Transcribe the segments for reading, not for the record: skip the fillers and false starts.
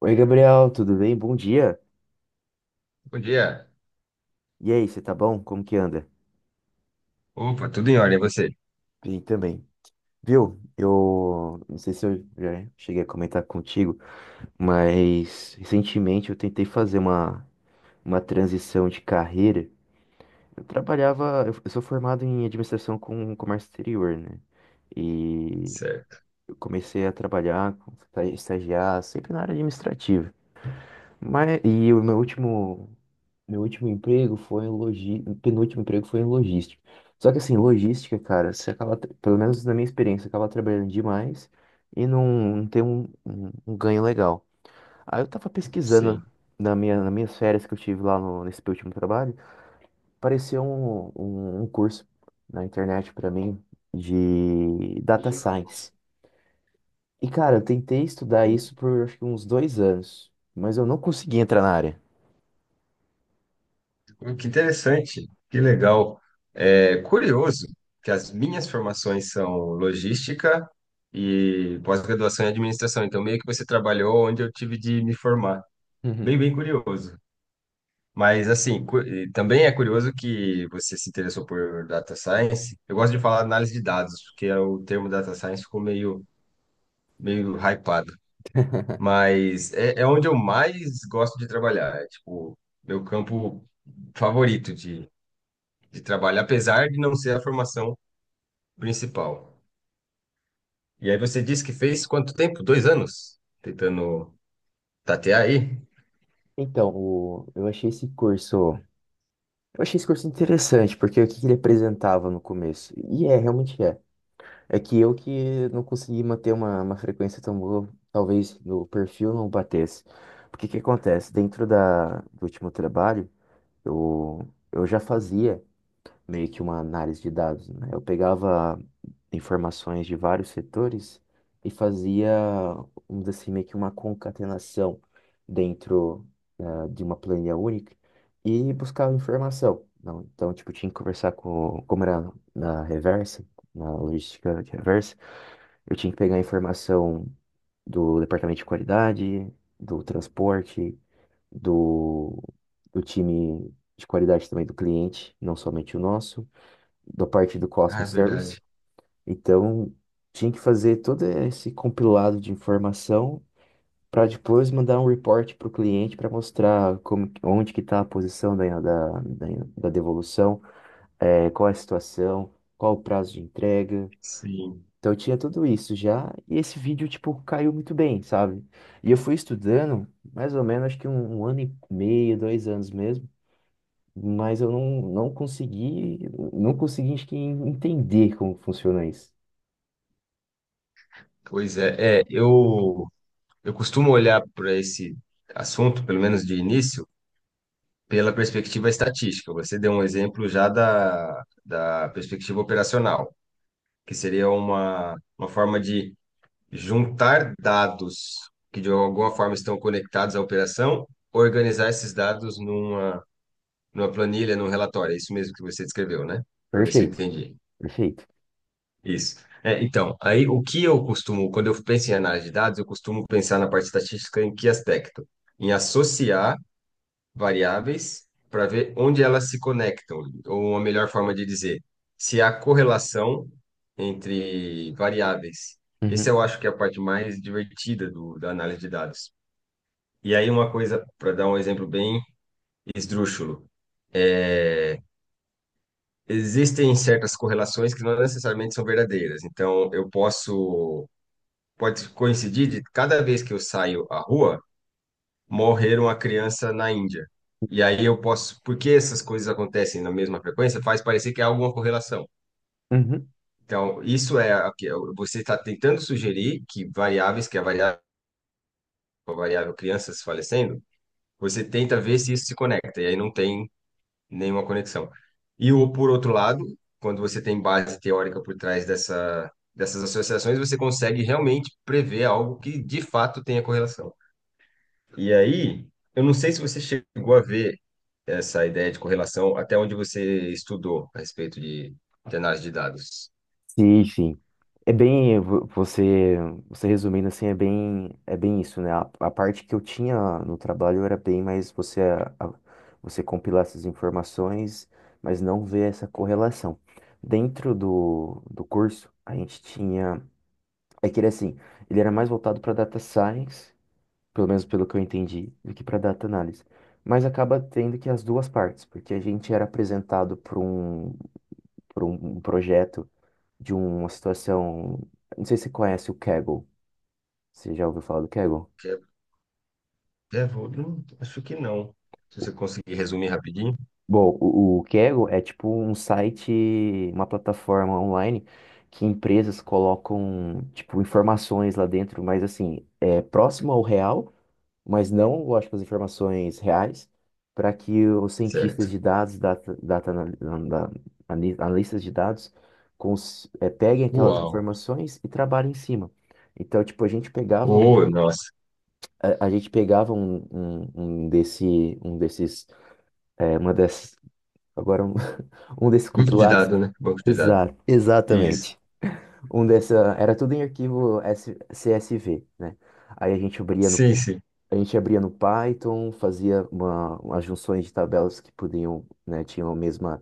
Oi, Gabriel, tudo bem? Bom dia. Bom dia. E aí, você tá bom? Como que anda? Opa, tudo em ordem, é você? Bem também. Viu? Eu não sei se eu já cheguei a comentar contigo, mas recentemente eu tentei fazer uma transição de carreira. Eu trabalhava, eu sou formado em administração com comércio exterior, né? E Certo, eu comecei a trabalhar, estagiar sempre na área administrativa. Mas, e o meu último Meu último emprego foi em penúltimo emprego foi em logística. Só que assim, logística, cara, você acaba, pelo menos na minha experiência, acaba trabalhando demais e não tem um ganho legal. Aí eu tava pesquisando sim. nas minhas férias que eu tive lá nesse meu último trabalho. Apareceu um curso na internet pra mim de data science. E cara, eu tentei estudar Oh, isso por acho que uns 2 anos, mas eu não consegui entrar na área. Que interessante, que legal. É curioso que as minhas formações são logística e pós-graduação em administração. Então, meio que você trabalhou onde eu tive de me formar. Bem, bem curioso. Mas, assim, e também é curioso que você se interessou por data science. Eu gosto de falar análise de dados, porque é o termo data science ficou meio hypado. Mas é onde eu mais gosto de trabalhar. É, tipo, meu campo favorito de trabalho, apesar de não ser a formação principal. E aí você disse que fez quanto tempo? Dois anos? Tentando tatear aí? Então, eu achei esse curso. Eu achei esse curso interessante, porque o que que ele apresentava no começo? E é, realmente é. É que eu que não consegui manter uma frequência tão boa, talvez no perfil não batesse. Porque o que acontece? Dentro do último trabalho, eu já fazia meio que uma análise de dados, né? Eu pegava informações de vários setores e fazia, vamos dizer assim, meio que uma concatenação dentro, de uma planilha única e buscava informação. Não, então, tipo, tinha que conversar com, como era na reversa, na logística de reversa, eu tinha que pegar a informação do departamento de qualidade, do transporte, do, do time de qualidade também do cliente, não somente o nosso da parte do Ah, é Cosmos verdade. Service. Então, tinha que fazer todo esse compilado de informação para depois mandar um report para o cliente para mostrar como, onde que está a posição da devolução, qual é a situação, qual o prazo de entrega. Sim. Então, eu tinha tudo isso já, e esse vídeo, tipo, caiu muito bem, sabe? E eu fui estudando, mais ou menos, acho que um ano e meio, dois anos mesmo, mas eu não consegui, acho que, entender como funciona isso. Pois é. Eu costumo olhar para esse assunto, pelo menos de início, pela perspectiva estatística. Você deu um exemplo já da perspectiva operacional, que seria uma forma de juntar dados que de alguma forma estão conectados à operação, organizar esses dados numa planilha, num relatório. É isso mesmo que você descreveu, né? Para ver se eu Perfeito, entendi. perfeito. Isso. É, então, aí o que eu costumo, quando eu penso em análise de dados, eu costumo pensar na parte estatística em que aspecto? Em associar variáveis para ver onde elas se conectam, ou uma melhor forma de dizer, se há correlação entre variáveis. Esse Uhum, eu acho que é a parte mais divertida da análise de dados. E aí uma coisa, para dar um exemplo bem esdrúxulo, existem certas correlações que não necessariamente são verdadeiras. Então, pode coincidir de cada vez que eu saio à rua, morreram a criança na Índia. E aí eu posso, porque essas coisas acontecem na mesma frequência, faz parecer que há alguma correlação. uhum. Então, isso é a que você está tentando sugerir que que a variável crianças falecendo, você tenta ver se isso se conecta, e aí não tem nenhuma conexão. E o, por outro lado, quando você tem base teórica por trás dessas associações, você consegue realmente prever algo que de fato tenha correlação. E aí, eu não sei se você chegou a ver essa ideia de correlação até onde você estudou a respeito de análise de dados? Sim, sim. É bem, você resumindo assim, é bem isso, né? A parte que eu tinha no trabalho era bem mais você, você compilar essas informações, mas não ver essa correlação. Dentro do curso, a gente tinha, é que ele assim, ele era mais voltado para data science, pelo menos pelo que eu entendi, do que para data análise. Mas acaba tendo que as duas partes, porque a gente era apresentado para por um projeto de uma situação. Não sei se você conhece o Kaggle. Você já ouviu falar do Kaggle? Que é- é, vou- não, acho que não. Se você conseguir resumir rapidinho, Bom, o Kaggle é tipo um site, uma plataforma online que empresas colocam, tipo, informações lá dentro, mas assim, é próximo ao real, mas não, lógico, as informações reais, para que os cientistas certo. de dados, data, data, anal- da- ani- analistas de dados, peguem aquelas Uau. informações e trabalhem em cima. Então, tipo, a gente pegava Oh, nossa. A, a gente pegava um desses, uma dessas, agora um, um desses Banco de compilados. dados, né? Banco de dados. Exato, Isso. exatamente. Um dessa, era tudo em arquivo CSV, né? Aí Sim, sim. a gente abria no Python, fazia umas junções de tabelas que podiam, né, tinham a mesma,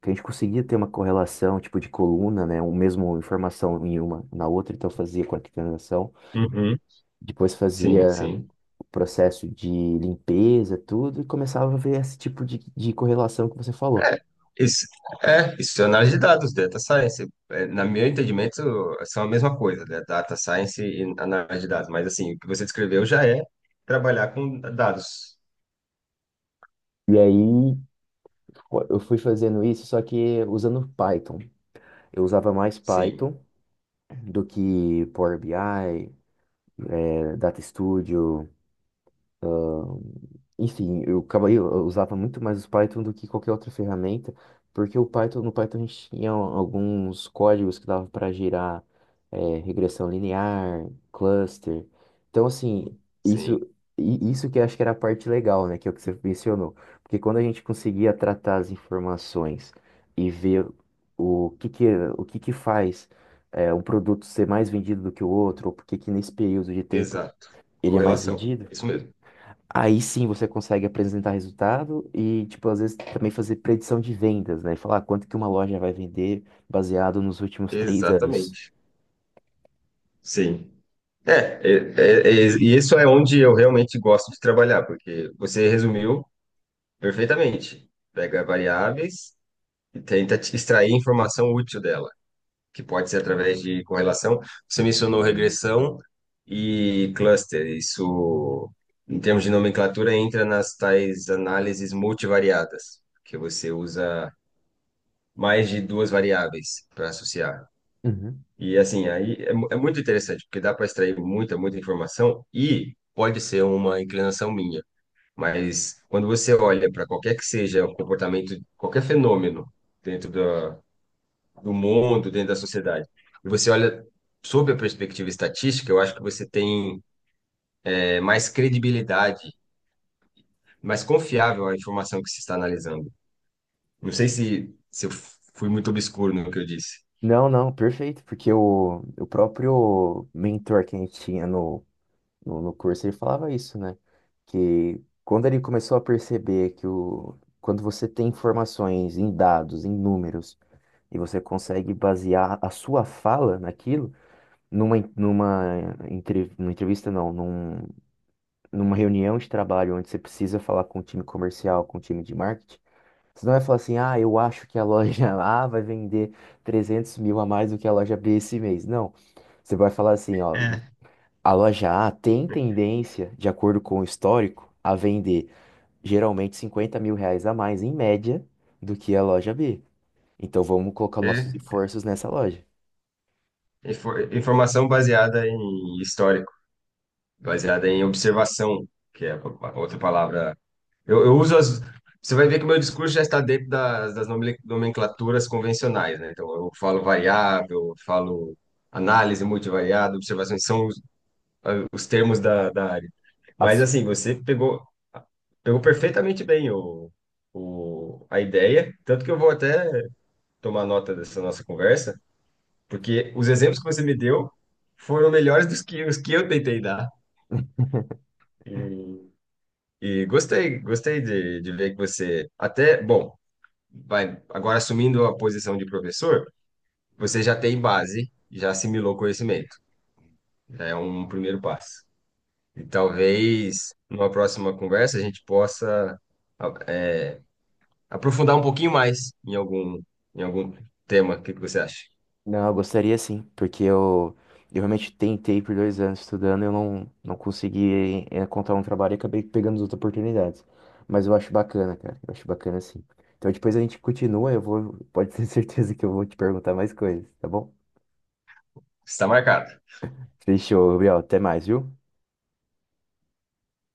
que a gente conseguia ter uma correlação, tipo de coluna, né, o mesmo informação em uma na outra, então fazia com a coordenação. Uhum. Depois Sim, fazia sim. processo de limpeza, tudo, e começava a ver esse tipo de correlação que você falou. É, isso, é, isso é análise de dados, data science. É, na meu entendimento, são a mesma coisa, né? Data science e análise de dados. Mas, assim, o que você descreveu já é trabalhar com dados. E aí pô, eu fui fazendo isso, só que usando Python. Eu usava mais Sim, Python do que Power BI, Data Studio. Enfim, eu acabei, eu usava muito mais o Python do que qualquer outra ferramenta, porque o Python, no Python a gente tinha alguns códigos que dava para gerar regressão linear, cluster. Então, assim, isso, sim. isso que eu acho que era a parte legal, né, que é o que você mencionou. Porque quando a gente conseguia tratar as informações e ver o que que, o que que faz um produto ser mais vendido do que o outro, ou por que que nesse período de tempo Exato. ele é mais Correlação. vendido. É isso mesmo. Aí sim você consegue apresentar resultado e, tipo, às vezes também fazer predição de vendas, né? Falar quanto que uma loja vai vender baseado nos últimos 3 anos. Exatamente. Sim. É, é, é, é, e isso é onde eu realmente gosto de trabalhar, porque você resumiu perfeitamente. Pega variáveis e tenta te extrair informação útil dela, que pode ser através de correlação. Você mencionou regressão e cluster. Isso, em termos de nomenclatura, entra nas tais análises multivariadas, que você usa mais de duas variáveis para associar. Uhum. E assim, é muito interessante, porque dá para extrair muita informação e pode ser uma inclinação minha. Mas quando você olha para qualquer que seja o comportamento, qualquer fenômeno dentro do mundo, dentro da sociedade, e você olha sob a perspectiva estatística, eu acho que você tem mais credibilidade, mais confiável a informação que se está analisando. Não sei se eu fui muito obscuro no que eu disse. Não, não, perfeito, porque o próprio mentor que a gente tinha no curso, ele falava isso, né? Que quando ele começou a perceber que quando você tem informações em dados, em números, e você consegue basear a sua fala naquilo, numa entrevista, não, numa reunião de trabalho onde você precisa falar com o time comercial, com o time de marketing, você não vai falar assim, ah, eu acho que a loja A vai vender 300 mil a mais do que a loja B esse mês. Não, você vai falar assim, ó, É, a loja A tem tendência, de acordo com o histórico, a vender geralmente R$ 50 mil a mais, em média, do que a loja B. Então vamos colocar É, nossos esforços nessa loja. Informação baseada em história, baseada em observação, que é a outra palavra. Eu uso as. Você vai ver que o meu discurso já está dentro das nomenclaturas convencionais, né? Então, eu falo variável, eu falo análise multivariada, observações, são os, os termos da área. Mas, As assim, pegou perfeitamente bem a ideia, tanto que eu vou até tomar nota dessa nossa conversa, porque os exemplos que você me deu foram melhores dos que, os que eu tentei dar. E gostei de ver que você até, bom, vai agora assumindo a posição de professor, você já tem base, já assimilou conhecimento. Já é um primeiro passo. E talvez numa próxima conversa a gente possa a- é, aprofundar um pouquinho mais em algum tema. O que que você acha? Não, eu gostaria sim, porque eu realmente tentei por 2 anos estudando, eu não consegui encontrar um trabalho e acabei pegando as outras oportunidades. Mas eu acho bacana, cara, eu acho bacana sim. Então depois a gente continua, eu vou, pode ter certeza que eu vou te perguntar mais coisas, tá bom? Está marcado. Fechou, Gabriel, até mais, viu?